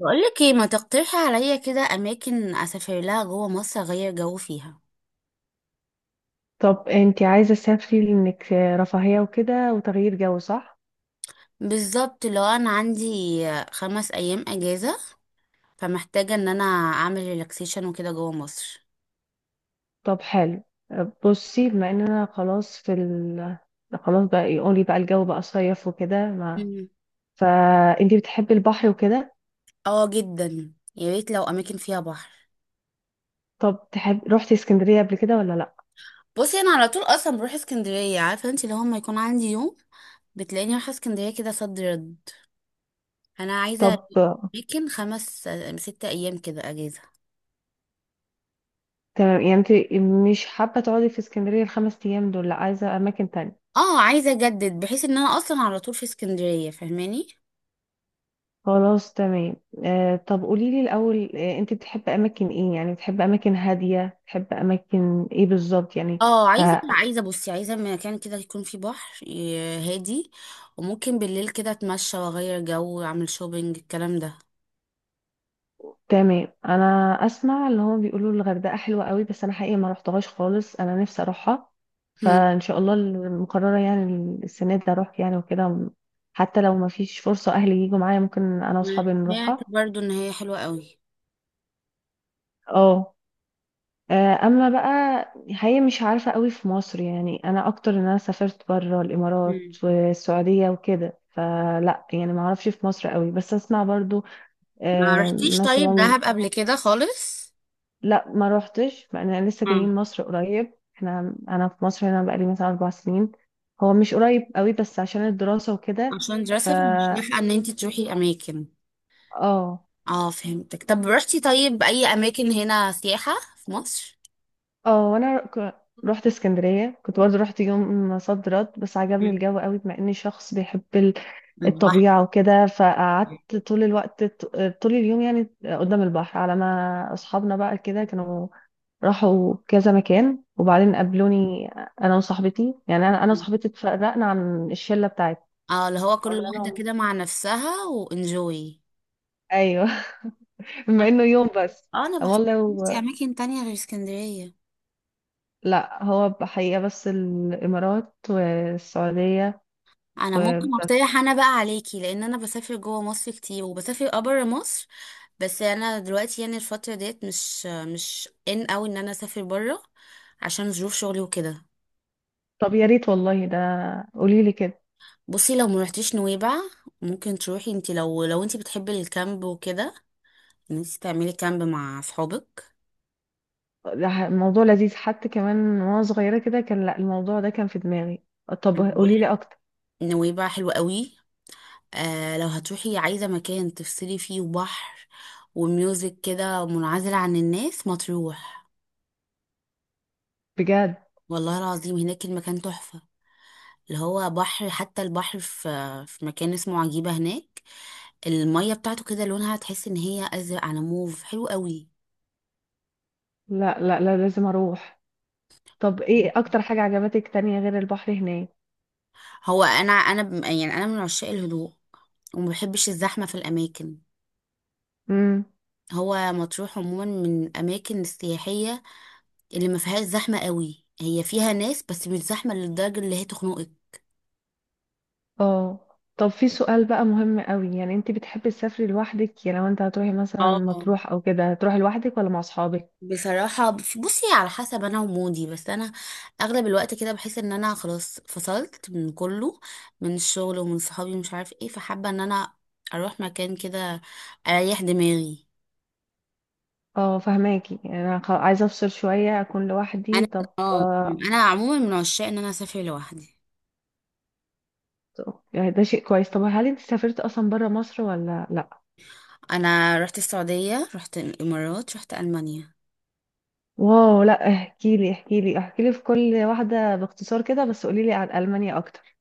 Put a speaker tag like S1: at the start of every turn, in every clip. S1: بقولك ايه ما تقترحي عليا كده اماكن اسافر لها جوه مصر اغير جو فيها؟
S2: طب انتي عايزة تسافري لانك رفاهية وكده وتغيير جو صح؟
S1: بالظبط، لو انا عندي خمس ايام اجازه فمحتاجه ان انا اعمل ريلاكسيشن وكده جوه مصر.
S2: طب حلو، بصي بما اننا خلاص في خلاص بقى، يقولي بقى الجو بقى صيف وكده ما...
S1: مم.
S2: فانتي بتحبي البحر وكده.
S1: اه جدا، يا ريت لو اماكن فيها بحر.
S2: طب تحب روحتي اسكندرية قبل كده ولا لا؟
S1: بصي، انا على طول اصلا بروح اسكندريه، عارفه انت لو ما يكون عندي يوم بتلاقيني رايحه اسكندريه كده صد رد. انا عايزه
S2: طب
S1: اماكن خمس ست ايام كده اجازه.
S2: تمام، يعني انتي مش حابة تقعدي في اسكندرية الخمس ايام دول، لا عايزة اماكن تانية.
S1: اه، عايزه اجدد بحيث ان انا اصلا على طول في اسكندريه، فاهماني.
S2: خلاص تمام. آه طب قوليلي الاول، انتي بتحبي اماكن ايه؟ يعني بتحبي اماكن هادية، بتحبي اماكن ايه بالظبط يعني؟
S1: اه، عايزه
S2: آه
S1: عايزه بصي عايزه مكان كده يكون فيه بحر هادي، وممكن بالليل كده اتمشى واغير جو واعمل شوبينج الكلام ده.
S2: تمام، انا اسمع اللي هو بيقولوا الغردقه حلوه قوي، بس انا حقيقي ما رحتهاش خالص، انا نفسي اروحها.
S1: هم.
S2: فان شاء الله المقرره يعني السنه دي اروح يعني وكده، حتى لو ما فيش فرصه اهلي يجوا معايا ممكن انا واصحابي
S1: أنا سمعت
S2: نروحها.
S1: برضو ان هي حلوه قوي.
S2: اه. اما بقى هي مش عارفه قوي في مصر، يعني انا اكتر ان انا سافرت بره الامارات
S1: هم.
S2: والسعوديه وكده، فلا يعني ما اعرفش في مصر قوي بس اسمع برضو.
S1: ما رحتيش طيب
S2: مثلا
S1: دهب قبل كده خالص؟
S2: لا، ما روحتش بقى، انا لسه
S1: اه،
S2: جايين مصر قريب، احنا في مصر هنا بقالي مثلا اربع سنين. هو مش قريب قوي بس عشان الدراسة وكده.
S1: عشان
S2: ف
S1: دراسه فمش لاحقه ان انت تروحي اماكن.
S2: اه.
S1: اه، فهمتك. طب رحتي طيب اي اماكن هنا سياحه في مصر؟
S2: اه وانا رحت اسكندرية، كنت برضه رحت يوم صد رد، بس عجبني
S1: مم.
S2: الجو قوي بما اني شخص بيحب
S1: البحر.
S2: الطبيعة وكده، فقعدت طول الوقت، طول اليوم يعني قدام البحر، على ما اصحابنا بقى كده كانوا راحوا كذا مكان وبعدين قابلوني. انا وصاحبتي يعني انا وصاحبتي اتفرقنا عن الشله بتاعتي،
S1: اه، اللي هو كل
S2: فقلنا
S1: واحده
S2: لهم
S1: كده مع نفسها وانجوي.
S2: ايوه. بما انه يوم بس.
S1: اه، انا
S2: قام
S1: بحس
S2: والله
S1: نفسي اماكن تانية غير اسكندرية.
S2: لا هو بحقيقه بس الامارات والسعوديه
S1: انا ممكن
S2: وبس.
S1: اقترح انا بقى عليكي، لان انا بسافر جوه مصر كتير وبسافر ابرا مصر. بس انا دلوقتي يعني الفترة ديت مش ان اوي ان انا اسافر برا، عشان ظروف شغلي وكده.
S2: طب يا ريت والله، ده قولي لي كده.
S1: بصي، لو ما رحتيش نويبع ممكن تروحي انت، لو انت بتحبي الكامب وكده، ان انت تعملي كامب مع اصحابك.
S2: ده الموضوع لذيذ حتى، كمان وانا صغيره كده كان لا الموضوع ده كان في دماغي. طب
S1: انا بقول
S2: قولي لي
S1: لك
S2: اكتر.
S1: نويبع حلوة قوي. لو هتروحي عايزة مكان تفصلي فيه وبحر وميوزك كده منعزل عن الناس، مطروح.
S2: بجد؟
S1: والله العظيم، هناك المكان تحفة. اللي هو بحر، حتى البحر في مكان اسمه عجيبة هناك، المية بتاعته كده لونها تحس ان هي ازرق على موف، حلو قوي.
S2: لا لا لا لازم اروح. طب ايه اكتر حاجه عجبتك تانية غير البحر هناك؟
S1: هو انا يعني انا من عشاق الهدوء وما بحبش الزحمة في الاماكن.
S2: امم.
S1: هو مطروح عموما من الاماكن السياحية اللي ما فيهاش زحمة قوي، هي فيها ناس بس مش زحمة للدرجة اللي هي تخنقك.
S2: اه. طب في سؤال بقى مهم قوي، يعني انت بتحبي تسافري لوحدك؟ يعني لو انت هتروحي مثلا
S1: اه،
S2: مطروح او كده، هتروحي لوحدك ولا مع اصحابك؟
S1: بصراحة بصي على حسب انا ومودي، بس انا اغلب الوقت كده بحس ان انا خلاص فصلت من كله، من الشغل ومن صحابي ومش عارف ايه، فحابة ان انا اروح مكان كده اريح دماغي.
S2: اه فهماكي، يعني انا عايزه افصل شويه، اكون
S1: انا
S2: لوحدي. طب
S1: اه
S2: آه.
S1: انا عموما من عشاق ان انا اسافر لوحدي.
S2: يعني ده شيء كويس. طب هل انت سافرت اصلا بره مصر ولا لا؟
S1: انا رحت السعودية، رحت الامارات، رحت المانيا.
S2: واو، لا احكي لي احكي لي احكي لي في كل واحده باختصار كده، بس قولي لي عن المانيا اكتر.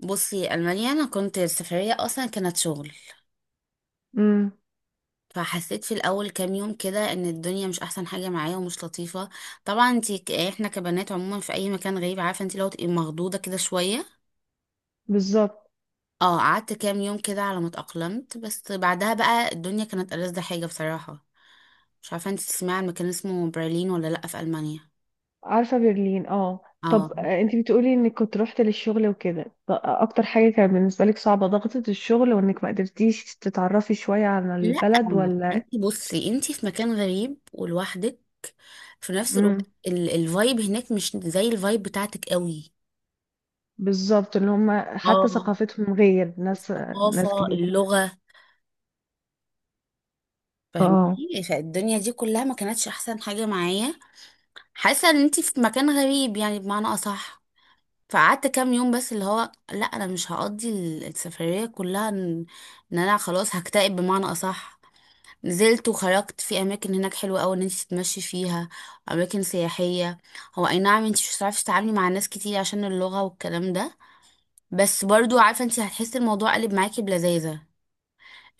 S1: بصي، المانيا انا كنت السفرية اصلا كانت شغل،
S2: امم.
S1: فحسيت في الاول كام يوم كده ان الدنيا مش احسن حاجه معايا ومش لطيفه. طبعا انتي احنا كبنات عموما في اي مكان غريب، عارفه انتي لو تبقي مخضوضه كده شويه.
S2: بالظبط.
S1: اه، قعدت كام يوم كده على ما اتاقلمت، بس بعدها بقى الدنيا كانت ألذ حاجه بصراحه. مش عارفه انتي تسمعي عن مكان اسمه برلين ولا لا في المانيا.
S2: عارفة برلين، اه.
S1: اه.
S2: طب انتي بتقولي انك كنت روحت للشغل وكده، اكتر حاجة كانت بالنسبة لك صعبة، ضغطة الشغل؟ وانك ما قدرتيش تتعرفي شوية على
S1: لا،
S2: البلد ولا؟
S1: انتي بصي انتي في مكان غريب ولوحدك، في نفس
S2: امم.
S1: الوقت الفايب هناك مش زي الفايب بتاعتك قوي.
S2: بالظبط، ان هما حتى
S1: اه،
S2: ثقافتهم غير، ناس ناس
S1: والثقافة،
S2: جديدة.
S1: اللغة،
S2: اه.
S1: فاهمني. فالدنيا دي كلها ما كانتش احسن حاجة معايا. حاسة ان انتي في مكان غريب، يعني بمعنى اصح. فقعدت كام يوم بس، اللي هو لا انا مش هقضي السفرية كلها إن انا خلاص هكتئب بمعنى اصح. نزلت وخرجت في اماكن هناك حلوة قوي ان انتي تتمشي فيها، اماكن سياحية. هو اي نعم، انتي مش هتعرفي تتعاملي مع ناس كتير عشان اللغة والكلام ده، بس برضو عارفة انتي هتحسي الموضوع قلب معاكي بلذاذة.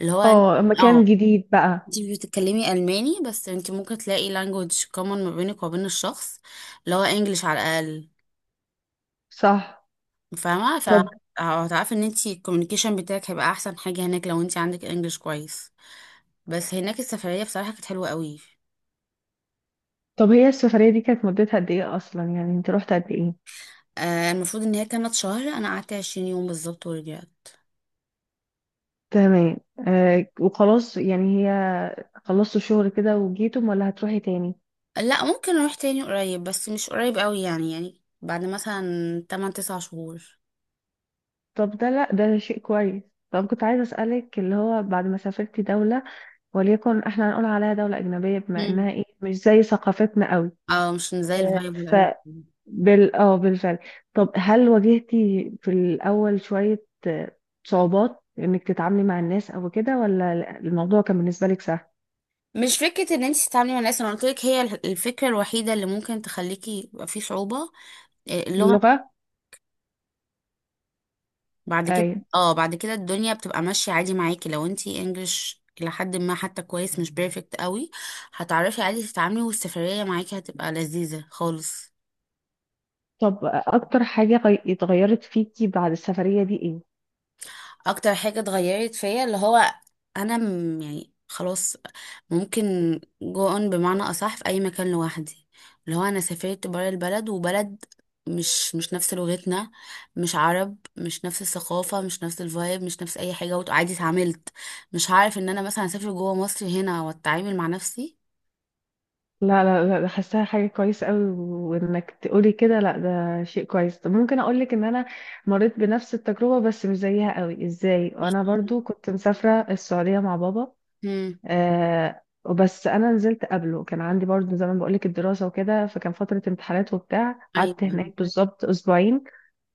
S1: اللي هو انت-
S2: اه،
S1: اه،
S2: مكان جديد بقى.
S1: انتي بتتكلمي الماني بس انتي ممكن تلاقي language common ما بينك وبين الشخص، اللي هو انجليش على الاقل،
S2: صح.
S1: فاهمه.
S2: طب
S1: فهتعرفي ان انتي الكوميونيكيشن بتاعك هيبقى احسن حاجه هناك، لو انتي عندك انجليش كويس. بس هناك السفريه بصراحه كانت حلوه قوي.
S2: طب هي السفرية دي كانت مدتها قد ايه اصلا؟ يعني انت روحت قد ايه؟
S1: المفروض ان هي كانت شهر، انا قعدت 20 يوم بالظبط ورجعت.
S2: تمام. آه وخلاص، يعني هي خلصتوا شغل كده وجيتم ولا هتروحي تاني؟
S1: لا، ممكن اروح تاني قريب بس مش قريب قوي، يعني بعد مثلا 8 9 شهور.
S2: طب ده لا ده شيء كويس. طب كنت عايزة أسألك، اللي هو بعد ما سافرتي دولة، وليكن احنا هنقول عليها دولة أجنبية بما
S1: مم.
S2: إنها مش زي ثقافتنا قوي.
S1: اه، مش زي
S2: آه،
S1: الفايب ولا
S2: ف
S1: اي حاجه.
S2: بال بالفعل. طب هل واجهتي في الأول شوية صعوبات إنك تتعاملي مع الناس أو كده، ولا الموضوع كان بالنسبة لك سهل؟
S1: مش فكرة ان انت تتعاملي مع الناس، انا قلت لك هي الفكرة الوحيدة اللي ممكن تخليكي يبقى في صعوبة، اللغة.
S2: اللغة؟
S1: بعد كده.
S2: أيوة.
S1: اه، بعد كده الدنيا بتبقى ماشية عادي معاكي لو انت انجلش إلى حد ما حتى كويس، مش بيرفكت قوي. هتعرفي عادي تتعاملي والسفرية معاكي هتبقى لذيذة خالص.
S2: طب أكتر حاجة اتغيرت فيكي بعد السفرية دي إيه؟
S1: اكتر حاجة اتغيرت فيا اللي هو، انا يعني خلاص ممكن جو اون بمعنى اصح في اي مكان لوحدي، اللي هو انا سافرت برا البلد وبلد مش نفس لغتنا، مش عرب، مش نفس الثقافة، مش نفس الفايب، مش نفس اي حاجة، وعادي اتعاملت. مش هعرف ان انا مثلا اسافر جوه مصر هنا واتعامل مع نفسي.
S2: لا لا لا، ده حاساها حاجة كويسة قوي، وانك تقولي كده لا ده شيء كويس. طب ممكن اقولك ان انا مريت بنفس التجربة بس مش زيها قوي. ازاي؟ وانا
S1: احكي لي.
S2: برضو كنت مسافرة السعودية مع بابا.
S1: امم.
S2: آه وبس انا نزلت قبله، كان عندي برضو زي ما بقولك الدراسة وكده، فكان فترة امتحانات وبتاع، قعدت
S1: ايوه.
S2: هناك بالظبط اسبوعين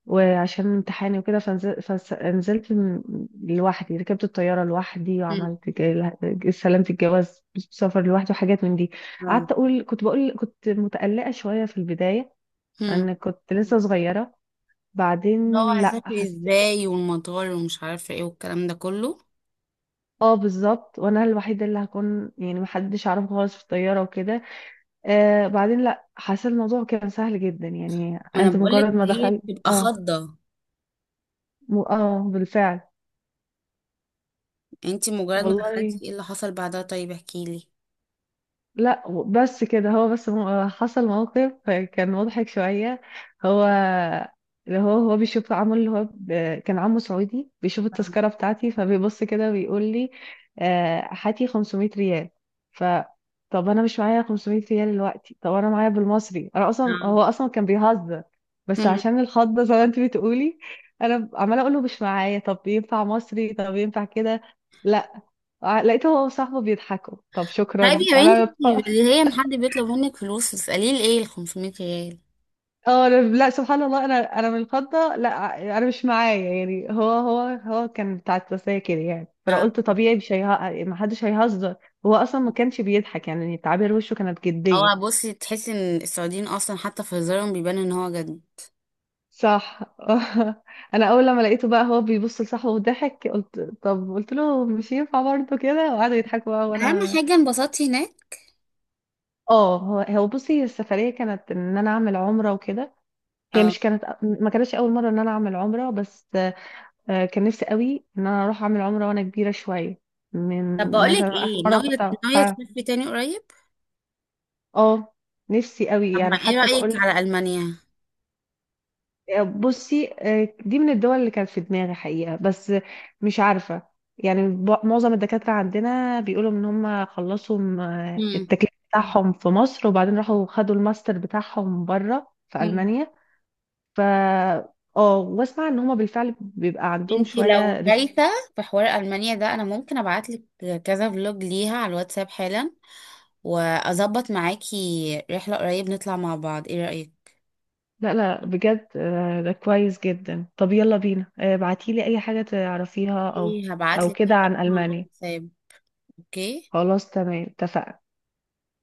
S2: وعشان امتحاني وكده، فنزلت لوحدي، ركبت الطيارة لوحدي
S1: امم.
S2: وعملت استلمت الجواز سفر لوحدي وحاجات من دي.
S1: اه.
S2: قعدت أقول، كنت بقول كنت متقلقة شوية في البداية
S1: امم.
S2: أن كنت لسه صغيرة.
S1: اللي هو
S2: بعدين لا
S1: هسافر
S2: حسيت.
S1: ازاي والمطار ومش عارفة ايه والكلام ده كله.
S2: اه بالظبط، وانا الوحيده اللي هكون يعني محدش عارف خالص في الطياره وكده. آه بعدين لا حسيت الموضوع كان سهل جدا، يعني
S1: ما انا
S2: انت
S1: بقولك
S2: مجرد ما
S1: هي
S2: دخلت
S1: بتبقى
S2: اه
S1: خضة.
S2: اه بالفعل.
S1: انت مجرد ما
S2: والله
S1: دخلتي ايه اللي حصل بعدها؟ طيب احكي لي.
S2: لا، بس كده هو بس حصل موقف كان مضحك شوية. هو اللي هو بيشوف عمه، اللي هو كان عمه سعودي، بيشوف التذكرة بتاعتي فبيبص كده ويقول لي هاتي 500 ريال. ف طب انا مش معايا 500 ريال دلوقتي، طب انا معايا بالمصري. انا اصلا هو اصلا كان بيهزر، بس عشان الخضة زي ما انت بتقولي انا عمالة اقول له مش معايا، طب ينفع مصري، طب ينفع كده، لا. لقيته هو وصاحبه بيضحكوا، طب
S1: طيب
S2: شكرا
S1: يا بنتي،
S2: انا.
S1: اللي هي ان حد بيطلب منك فلوس تسأليه ليه ال 500 ريال؟
S2: اه لا سبحان الله، انا من الخضه، لا انا مش معايا يعني. هو كان بتاع التسلية كده يعني، فانا
S1: اه.
S2: قلت طبيعي مش ما حدش هيهزر. هو اصلا ما كانش بيضحك يعني، تعابير وشه كانت جديه.
S1: هو بصي تحسي ان السعوديين اصلا حتى في هزارهم بيبان ان هو جد.
S2: صح. انا اول لما لقيته بقى هو بيبص لصاحبه وضحك، قلت طب، قلت له مش ينفع برضه كده، وقعدوا يضحكوا بقى
S1: اهم
S2: وانا.
S1: حاجة انبسطتي هناك؟
S2: اه هو بصي السفريه كانت ان انا اعمل عمره وكده، هي
S1: اه.
S2: مش كانت ما كانتش اول مره ان انا اعمل عمره بس. كان نفسي قوي ان انا اروح اعمل عمره وانا كبيره شويه،
S1: طب
S2: من
S1: بقولك
S2: مثلا اخر
S1: ايه،
S2: مره كنت.
S1: ناوية
S2: اه.
S1: تسافري تاني قريب؟
S2: آه، نفسي قوي
S1: طب ما
S2: يعني،
S1: ايه
S2: حتى
S1: رأيك
S2: بقول.
S1: على ألمانيا؟
S2: بصي دي من الدول اللي كانت في دماغي حقيقه، بس مش عارفه. يعني معظم الدكاتره عندنا بيقولوا ان هم خلصوا التكليف بتاعهم في مصر، وبعدين راحوا خدوا الماستر بتاعهم بره في
S1: امم.
S2: المانيا. ف اه، واسمع ان هم بالفعل بيبقى عندهم
S1: انتي لو
S2: شويه.
S1: دايسه في حوار المانيا ده، انا ممكن ابعتلك كذا فلوج ليها على الواتساب حالا، واظبط معاكي رحله قريب نطلع مع بعض، ايه رايك؟
S2: لا لا بجد، ده كويس جدا. طب يلا بينا، ابعتيلي اي حاجة تعرفيها او او
S1: هبعتلك
S2: كده
S1: حاجة
S2: عن
S1: على
S2: ألمانيا.
S1: الواتساب. اوكي.
S2: خلاص تمام، اتفقنا.